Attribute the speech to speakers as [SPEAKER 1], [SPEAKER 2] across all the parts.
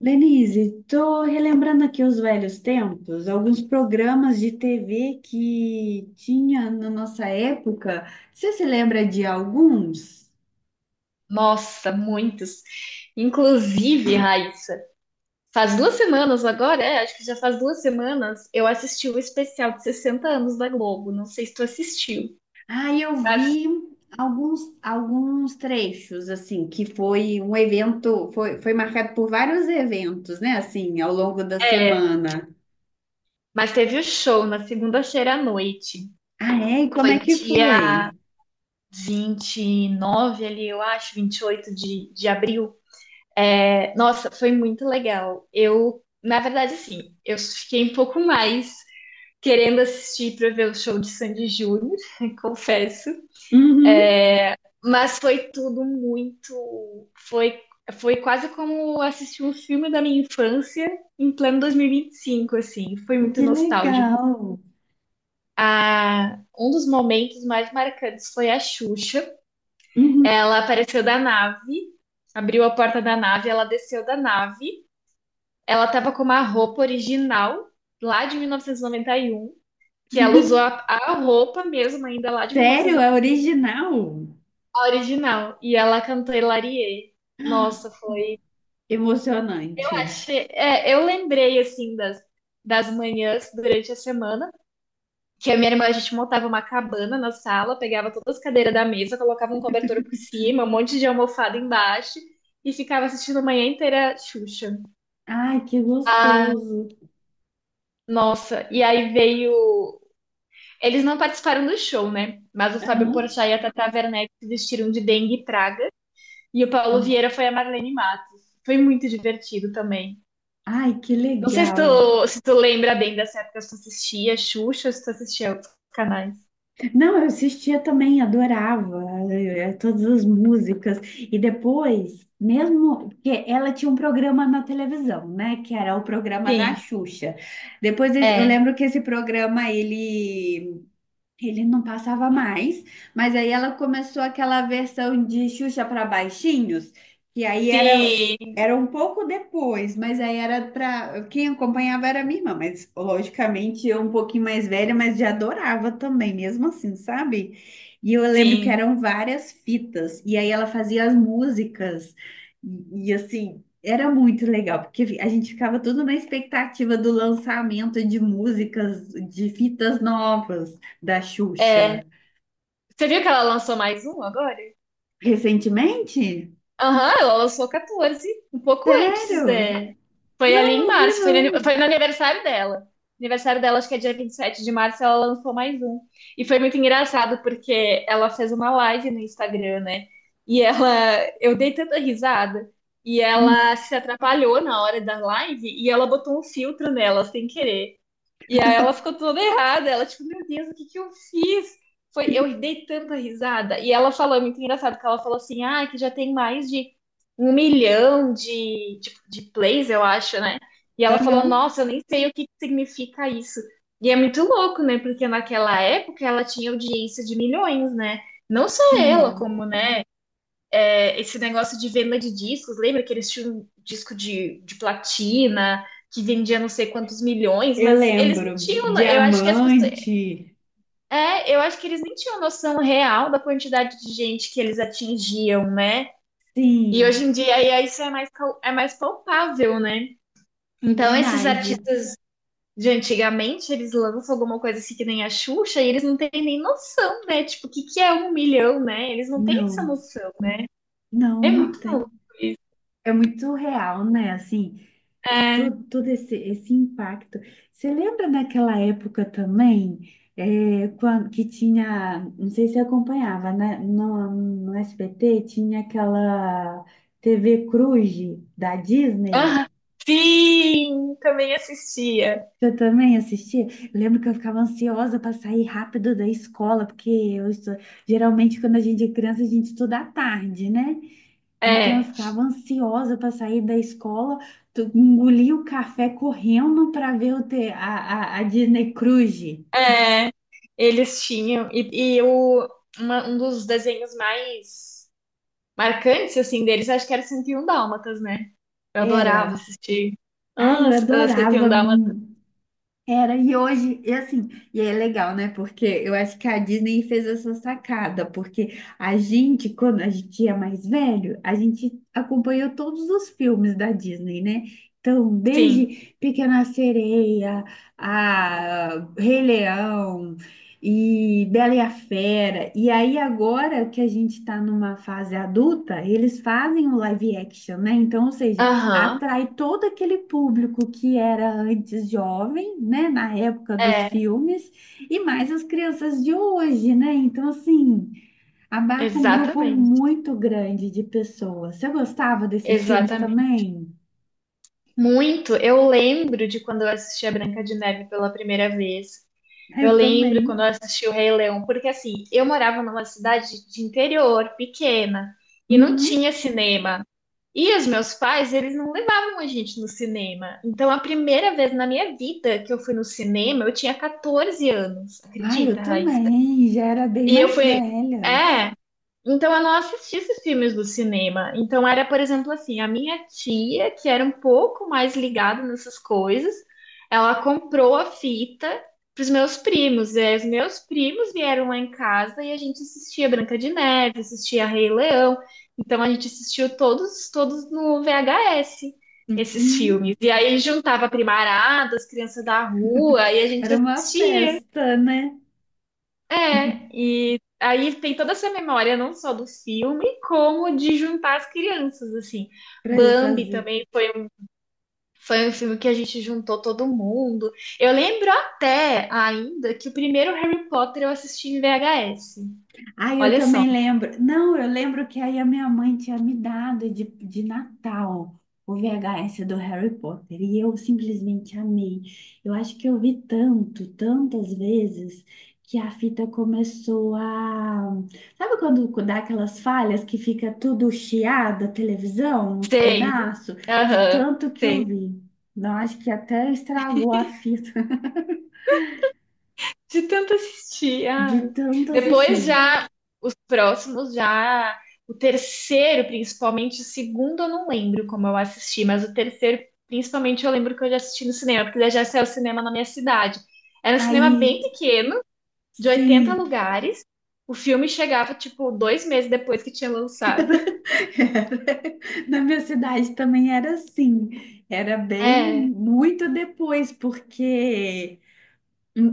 [SPEAKER 1] Lenise, tô relembrando aqui os velhos tempos, alguns programas de TV que tinha na nossa época. Você se lembra de alguns?
[SPEAKER 2] Nossa, muitos. Inclusive, Raiz, faz duas semanas agora, é, acho que já faz duas semanas, eu assisti o especial de 60 anos da Globo. Não sei se tu assistiu,
[SPEAKER 1] Ah, eu vi alguns trechos, assim, que foi um evento, foi marcado por vários eventos, né, assim, ao longo da semana.
[SPEAKER 2] mas teve o show na segunda-feira à noite.
[SPEAKER 1] Ah, é? E como é
[SPEAKER 2] Foi
[SPEAKER 1] que
[SPEAKER 2] dia
[SPEAKER 1] foi?
[SPEAKER 2] 29, ali, eu acho, 28 de abril. É, nossa, foi muito legal. Eu, na verdade, assim, eu fiquei um pouco mais querendo assistir para ver o show de Sandy Júnior, confesso.
[SPEAKER 1] Uhum,
[SPEAKER 2] Mas foi tudo muito. Foi, foi quase como assistir um filme da minha infância em pleno 2025, assim. Foi muito
[SPEAKER 1] que
[SPEAKER 2] nostálgico.
[SPEAKER 1] legal.
[SPEAKER 2] Ah, um dos momentos mais marcantes foi a Xuxa.
[SPEAKER 1] Uhum.
[SPEAKER 2] Ela apareceu da nave, abriu a porta da nave, ela desceu da nave. Ela tava com uma roupa original, lá de 1991, que ela usou a roupa mesmo, ainda lá de
[SPEAKER 1] Sério? É
[SPEAKER 2] 1991,
[SPEAKER 1] original?
[SPEAKER 2] a original. E ela cantou Hilarie.
[SPEAKER 1] Ah,
[SPEAKER 2] Nossa,
[SPEAKER 1] emocionante.
[SPEAKER 2] É, eu lembrei, assim, das manhãs durante a semana, que a minha irmã, a gente montava uma cabana na sala, pegava todas as cadeiras da mesa, colocava um cobertor por cima, um monte de almofada embaixo, e ficava assistindo a manhã inteira Xuxa.
[SPEAKER 1] Ai, que
[SPEAKER 2] Ah,
[SPEAKER 1] gostoso.
[SPEAKER 2] nossa, e aí veio... Eles não participaram do show, né? Mas o Fábio
[SPEAKER 1] Aham.
[SPEAKER 2] Porchat e a Tata Werneck se vestiram de dengue e praga, e o Paulo Vieira foi a Marlene Matos. Foi muito divertido também.
[SPEAKER 1] Ai, que
[SPEAKER 2] Não sei se
[SPEAKER 1] legal.
[SPEAKER 2] tu, se tu lembra bem dessa época, se tu assistia Xuxa, se tu assistia outros canais.
[SPEAKER 1] Não, eu assistia também, adorava todas as músicas. E depois, mesmo que ela tinha um programa na televisão, né? Que era o programa da
[SPEAKER 2] Sim,
[SPEAKER 1] Xuxa. Depois, eu
[SPEAKER 2] é.
[SPEAKER 1] lembro que esse programa, ele não passava mais, mas aí ela começou aquela versão de Xuxa para baixinhos, que aí
[SPEAKER 2] Sim,
[SPEAKER 1] era um pouco depois, mas aí era para quem acompanhava era minha irmã, mas logicamente eu um pouquinho mais velha, mas já adorava também, mesmo assim, sabe? E eu lembro que
[SPEAKER 2] sim.
[SPEAKER 1] eram várias fitas, e aí ela fazia as músicas, assim, era muito legal, porque a gente ficava tudo na expectativa do lançamento de músicas, de fitas novas da Xuxa
[SPEAKER 2] É. Você viu que ela lançou mais um agora?
[SPEAKER 1] recentemente?
[SPEAKER 2] Aham, ela lançou 14, um pouco antes
[SPEAKER 1] Sério?
[SPEAKER 2] de. Foi ali
[SPEAKER 1] Não,
[SPEAKER 2] em
[SPEAKER 1] não vi,
[SPEAKER 2] março,
[SPEAKER 1] não.
[SPEAKER 2] foi no aniversário dela. Aniversário dela, acho que é dia 27 de março, ela lançou mais um. E foi muito engraçado, porque ela fez uma live no Instagram, né? E ela. Eu dei tanta risada. E ela
[SPEAKER 1] Hum.
[SPEAKER 2] se atrapalhou na hora da live e ela botou um filtro nela, sem querer. E aí ela ficou toda errada. Ela, tipo, meu Deus, o que que eu fiz? Foi, eu dei tanta risada. E ela falou, é muito engraçado, que ela falou assim, ah, que já tem mais de um milhão de plays, eu acho, né? E ela falou,
[SPEAKER 1] Aham,
[SPEAKER 2] nossa, eu nem sei o que que significa isso. E é muito louco, né? Porque naquela época ela tinha audiência de milhões, né? Não só ela,
[SPEAKER 1] tinha.
[SPEAKER 2] como, né? É, esse negócio de venda de discos, lembra que eles tinham um disco de platina que vendia não sei quantos milhões,
[SPEAKER 1] Eu
[SPEAKER 2] mas eles não
[SPEAKER 1] lembro.
[SPEAKER 2] tinham, eu acho que as pessoas,
[SPEAKER 1] Diamante.
[SPEAKER 2] é, eu acho que eles nem tinham noção real da quantidade de gente que eles atingiam, né? E hoje
[SPEAKER 1] Sim,
[SPEAKER 2] em dia aí, isso é mais palpável, né? Então esses
[SPEAKER 1] verdade.
[SPEAKER 2] artistas de antigamente, eles lançam alguma coisa assim que nem a Xuxa e eles não têm nem noção, né? Tipo, o que, que é um milhão, né? Eles não têm essa
[SPEAKER 1] Não,
[SPEAKER 2] noção.
[SPEAKER 1] não,
[SPEAKER 2] É
[SPEAKER 1] não
[SPEAKER 2] muito novo.
[SPEAKER 1] tem. É muito real, né? Assim,
[SPEAKER 2] É,
[SPEAKER 1] todo esse, esse impacto. Você lembra daquela época também, é, quando, que tinha, não sei se você acompanhava, né? No SBT tinha aquela TV Cruz da Disney.
[SPEAKER 2] aham. Sim, também assistia.
[SPEAKER 1] Você também assistia? Eu lembro que eu ficava ansiosa para sair rápido da escola, porque geralmente quando a gente é criança a gente estuda à tarde, né? Então eu
[SPEAKER 2] É,
[SPEAKER 1] ficava ansiosa para sair da escola, engolia o café correndo para ver a Disney Cruise.
[SPEAKER 2] é, eles tinham. E o, um dos desenhos mais marcantes, assim, deles, acho que era 101 Dálmatas, né? Eu adorava
[SPEAKER 1] Era.
[SPEAKER 2] assistir.
[SPEAKER 1] Ai,
[SPEAKER 2] Ah,
[SPEAKER 1] eu
[SPEAKER 2] s- ah, 101
[SPEAKER 1] adorava.
[SPEAKER 2] Dálmatas,
[SPEAKER 1] Hum, era, e hoje, e assim, e é legal, né? Porque eu acho que a Disney fez essa sacada, porque a gente, quando a gente é mais velho, a gente acompanhou todos os filmes da Disney, né? Então,
[SPEAKER 2] sim.
[SPEAKER 1] desde Pequena Sereia, a Rei Leão e Bela e a Fera. E aí, agora que a gente está numa fase adulta, eles fazem o live action, né? Então, ou seja,
[SPEAKER 2] Aham,
[SPEAKER 1] atrai todo aquele público que era antes jovem, né, na época dos
[SPEAKER 2] é,
[SPEAKER 1] filmes, e mais as crianças de hoje, né? Então, assim, abarca um grupo
[SPEAKER 2] exatamente,
[SPEAKER 1] muito grande de pessoas. Você gostava desses filmes
[SPEAKER 2] exatamente.
[SPEAKER 1] também?
[SPEAKER 2] Muito, eu lembro de quando eu assisti a Branca de Neve pela primeira vez. Eu
[SPEAKER 1] Eu
[SPEAKER 2] lembro quando eu
[SPEAKER 1] também.
[SPEAKER 2] assisti o Rei Leão, porque assim, eu morava numa cidade de interior, pequena, e não
[SPEAKER 1] Uhum.
[SPEAKER 2] tinha cinema. E os meus pais, eles não levavam a gente no cinema. Então, a primeira vez na minha vida que eu fui no cinema, eu tinha 14 anos,
[SPEAKER 1] Ah, eu
[SPEAKER 2] acredita, Raíssa?
[SPEAKER 1] também. Já era bem
[SPEAKER 2] E eu
[SPEAKER 1] mais
[SPEAKER 2] fui.
[SPEAKER 1] velha.
[SPEAKER 2] É, então, eu não assisti esses filmes do cinema. Então, era, por exemplo, assim, a minha tia, que era um pouco mais ligada nessas coisas, ela comprou a fita para os meus primos. E aí, os meus primos vieram lá em casa e a gente assistia Branca de Neve, assistia Rei Leão. Então, a gente assistiu todos no VHS, esses
[SPEAKER 1] Sim,
[SPEAKER 2] filmes. E aí, juntava a primarada, as crianças da rua, e a gente
[SPEAKER 1] era uma
[SPEAKER 2] assistia.
[SPEAKER 1] festa, né?
[SPEAKER 2] É, e aí tem toda essa memória, não só do filme, como de juntar as crianças, assim.
[SPEAKER 1] Para ir
[SPEAKER 2] Bambi
[SPEAKER 1] fazer.
[SPEAKER 2] também foi um filme que a gente juntou todo mundo. Eu lembro até ainda que o primeiro Harry Potter eu assisti em VHS.
[SPEAKER 1] Ah, eu
[SPEAKER 2] Olha só.
[SPEAKER 1] também lembro. Não, eu lembro que aí a minha mãe tinha me dado de Natal o VHS do Harry Potter e eu simplesmente amei. Eu acho que eu vi tanto, tantas vezes que a fita começou a... Sabe quando dá aquelas falhas que fica tudo chiado, a televisão, uns
[SPEAKER 2] Sei.
[SPEAKER 1] pedaços? De
[SPEAKER 2] Aham,
[SPEAKER 1] tanto que eu
[SPEAKER 2] sei.
[SPEAKER 1] vi. Não, acho que até estragou a fita
[SPEAKER 2] De tanto assistir.
[SPEAKER 1] de
[SPEAKER 2] Ai.
[SPEAKER 1] tanto
[SPEAKER 2] Depois
[SPEAKER 1] assistir.
[SPEAKER 2] já, os próximos já. O terceiro, principalmente, o segundo eu não lembro como eu assisti, mas o terceiro, principalmente, eu lembro que eu já assisti no cinema, porque já saiu cinema na minha cidade. Era um cinema
[SPEAKER 1] Aí,
[SPEAKER 2] bem pequeno, de 80
[SPEAKER 1] sim.
[SPEAKER 2] lugares. O filme chegava, tipo, 2 meses depois que tinha lançado.
[SPEAKER 1] Na minha cidade também era assim, era bem
[SPEAKER 2] É,
[SPEAKER 1] muito depois, porque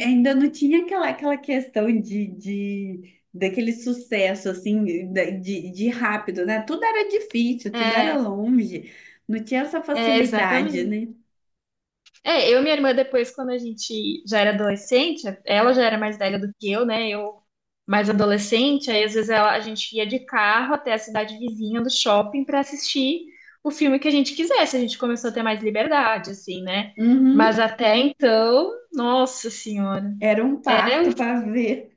[SPEAKER 1] ainda não tinha aquela, aquela questão de, daquele sucesso assim de rápido, né? Tudo era difícil, tudo era
[SPEAKER 2] é,
[SPEAKER 1] longe, não tinha essa
[SPEAKER 2] é,
[SPEAKER 1] facilidade,
[SPEAKER 2] exatamente.
[SPEAKER 1] né?
[SPEAKER 2] É, eu e minha irmã, depois, quando a gente já era adolescente, ela já era mais velha do que eu, né? Eu mais adolescente, aí às vezes a gente ia de carro até a cidade vizinha do shopping pra assistir o filme que a gente quisesse. A gente começou a ter mais liberdade, assim, né? Mas
[SPEAKER 1] Uhum,
[SPEAKER 2] até então, nossa senhora,
[SPEAKER 1] era um parto para ver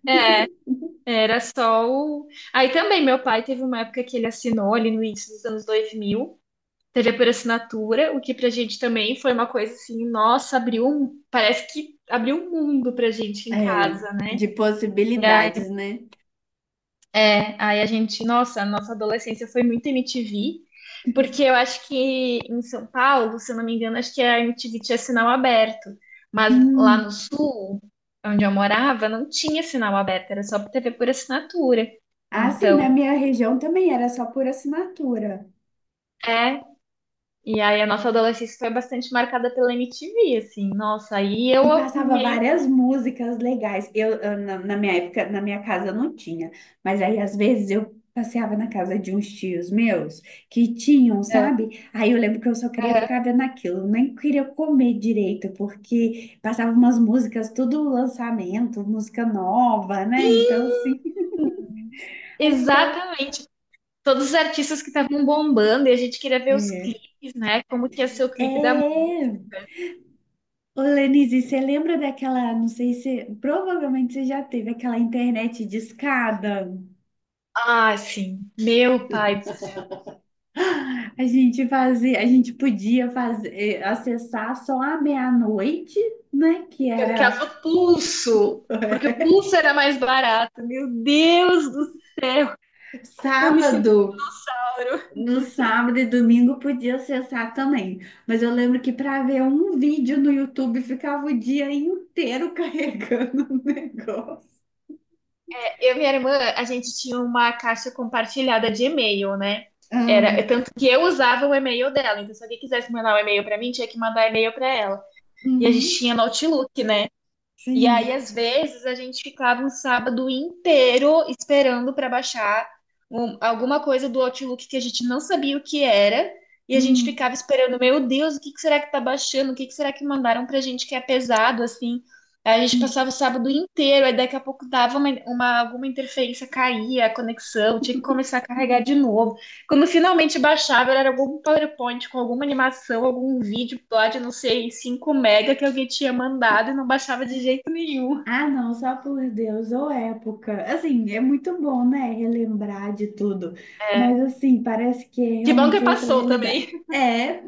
[SPEAKER 2] era só o. Aí também, meu pai teve uma época que ele assinou ali no início dos anos 2000. TV por assinatura, o que pra gente também foi uma coisa assim, nossa, abriu um, parece que abriu um mundo pra gente em
[SPEAKER 1] é,
[SPEAKER 2] casa, né?
[SPEAKER 1] de
[SPEAKER 2] Ai,
[SPEAKER 1] possibilidades, né?
[SPEAKER 2] é, aí a gente, nossa, a nossa adolescência foi muito MTV, porque eu acho que em São Paulo, se eu não me engano, acho que a MTV tinha sinal aberto, mas lá no
[SPEAKER 1] Hum.
[SPEAKER 2] sul, onde eu morava, não tinha sinal aberto, era só TV por assinatura.
[SPEAKER 1] Ah, sim, na
[SPEAKER 2] Então,
[SPEAKER 1] minha região também era só por assinatura.
[SPEAKER 2] é, e aí a nossa adolescência foi bastante marcada pela MTV, assim, nossa, aí eu
[SPEAKER 1] E passava
[SPEAKER 2] meio
[SPEAKER 1] várias músicas legais. Na minha época, na minha casa não tinha, mas aí às vezes eu passeava na casa de uns tios meus que tinham, sabe? Aí eu lembro que eu só queria ficar vendo aquilo, nem queria comer direito, porque passava umas músicas, tudo lançamento, música nova, né? Então, assim, aí eu ficava.
[SPEAKER 2] exatamente. Todos os artistas que estavam bombando e a gente queria ver os
[SPEAKER 1] É.
[SPEAKER 2] clipes, né? Como que ia ser o clipe da
[SPEAKER 1] É.
[SPEAKER 2] música.
[SPEAKER 1] Ô, Lenise, você lembra daquela, não sei se, provavelmente você já teve aquela internet discada?
[SPEAKER 2] Ah, sim. Meu pai do céu.
[SPEAKER 1] A gente fazia, a gente podia fazer, acessar só à meia-noite, né? Que
[SPEAKER 2] Por
[SPEAKER 1] era
[SPEAKER 2] causa do pulso. Porque o pulso era mais barato. Meu Deus do céu. Eu me sinto
[SPEAKER 1] sábado,
[SPEAKER 2] mal. Eu
[SPEAKER 1] no sábado e domingo podia acessar também. Mas eu lembro que para ver um vídeo no YouTube ficava o dia inteiro carregando o negócio.
[SPEAKER 2] e minha irmã, a gente tinha uma caixa compartilhada de e-mail, né?
[SPEAKER 1] Ah,
[SPEAKER 2] Era, tanto que eu usava o e-mail dela. Então, se alguém quisesse mandar um e-mail pra mim, tinha que mandar e-mail pra ela. E a
[SPEAKER 1] uhum,
[SPEAKER 2] gente tinha Outlook, né? E aí,
[SPEAKER 1] sim.
[SPEAKER 2] às vezes, a gente ficava um sábado inteiro esperando para baixar alguma coisa do Outlook que a gente não sabia o que era. E a gente
[SPEAKER 1] Hum,
[SPEAKER 2] ficava esperando, meu Deus, o que que será que tá baixando? O que que será que mandaram pra gente que é pesado, assim? Aí a gente
[SPEAKER 1] hum.
[SPEAKER 2] passava o sábado inteiro, aí daqui a pouco dava uma, alguma interferência, caía a conexão, tinha que começar a carregar de novo. Quando finalmente baixava, era algum PowerPoint com alguma animação, algum vídeo lá de, não sei, 5 mega que alguém tinha mandado e não baixava de jeito nenhum.
[SPEAKER 1] Ah, não, só por Deus, ou época. Assim, é muito bom, né? Relembrar de tudo. Mas, assim, parece que é
[SPEAKER 2] Que bom que
[SPEAKER 1] realmente outra
[SPEAKER 2] passou
[SPEAKER 1] realidade.
[SPEAKER 2] também
[SPEAKER 1] É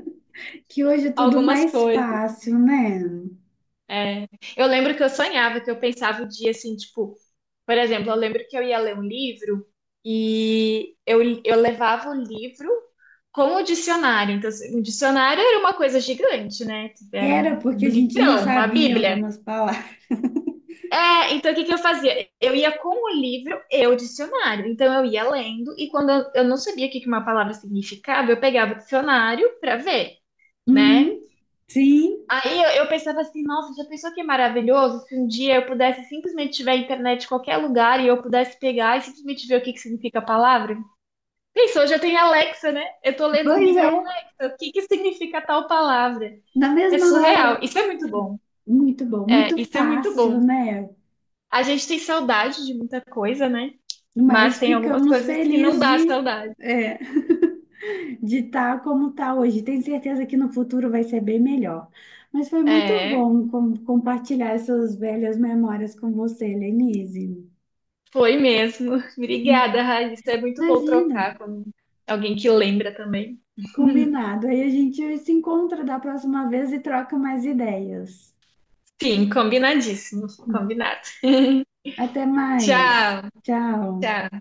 [SPEAKER 1] que hoje é tudo
[SPEAKER 2] algumas
[SPEAKER 1] mais
[SPEAKER 2] coisas.
[SPEAKER 1] fácil, né?
[SPEAKER 2] É. Eu lembro que eu sonhava, que eu pensava o dia assim, tipo, por exemplo, eu lembro que eu ia ler um livro e eu levava o livro com o dicionário. Então, assim, o dicionário era uma coisa gigante, né? Era
[SPEAKER 1] Era
[SPEAKER 2] um
[SPEAKER 1] porque a gente não
[SPEAKER 2] livrão, uma
[SPEAKER 1] sabia
[SPEAKER 2] bíblia.
[SPEAKER 1] algumas palavras.
[SPEAKER 2] É, então o que que eu fazia? Eu ia com o livro e o dicionário. Então eu ia lendo e quando eu não sabia o que que uma palavra significava, eu pegava o dicionário pra ver, né?
[SPEAKER 1] Uhum, sim,
[SPEAKER 2] Aí eu pensava assim, nossa, já pensou que é maravilhoso se um dia eu pudesse simplesmente tiver internet em qualquer lugar e eu pudesse pegar e simplesmente ver o que que significa a palavra? Pensou, já tem Alexa, né? Eu tô lendo o
[SPEAKER 1] pois
[SPEAKER 2] livro
[SPEAKER 1] é.
[SPEAKER 2] Alexa, o que que significa tal palavra?
[SPEAKER 1] Na
[SPEAKER 2] É
[SPEAKER 1] mesma hora.
[SPEAKER 2] surreal. Isso é muito bom.
[SPEAKER 1] Muito bom,
[SPEAKER 2] É,
[SPEAKER 1] muito
[SPEAKER 2] isso é muito
[SPEAKER 1] fácil,
[SPEAKER 2] bom.
[SPEAKER 1] né?
[SPEAKER 2] A gente tem saudade de muita coisa, né? Mas
[SPEAKER 1] Mas
[SPEAKER 2] tem algumas
[SPEAKER 1] ficamos
[SPEAKER 2] coisas que não
[SPEAKER 1] felizes
[SPEAKER 2] dá
[SPEAKER 1] de.
[SPEAKER 2] saudade.
[SPEAKER 1] É. De estar como está hoje. Tenho certeza que no futuro vai ser bem melhor. Mas foi muito
[SPEAKER 2] É,
[SPEAKER 1] bom compartilhar essas velhas memórias com você, Lenise.
[SPEAKER 2] foi mesmo. Obrigada, Raíssa. É muito bom
[SPEAKER 1] Imagina,
[SPEAKER 2] trocar com alguém que lembra também.
[SPEAKER 1] combinado. Aí a gente se encontra da próxima vez e troca mais ideias.
[SPEAKER 2] Sim, combinadíssimo. Combinado.
[SPEAKER 1] Até mais.
[SPEAKER 2] Tchau,
[SPEAKER 1] Tchau.
[SPEAKER 2] tchau.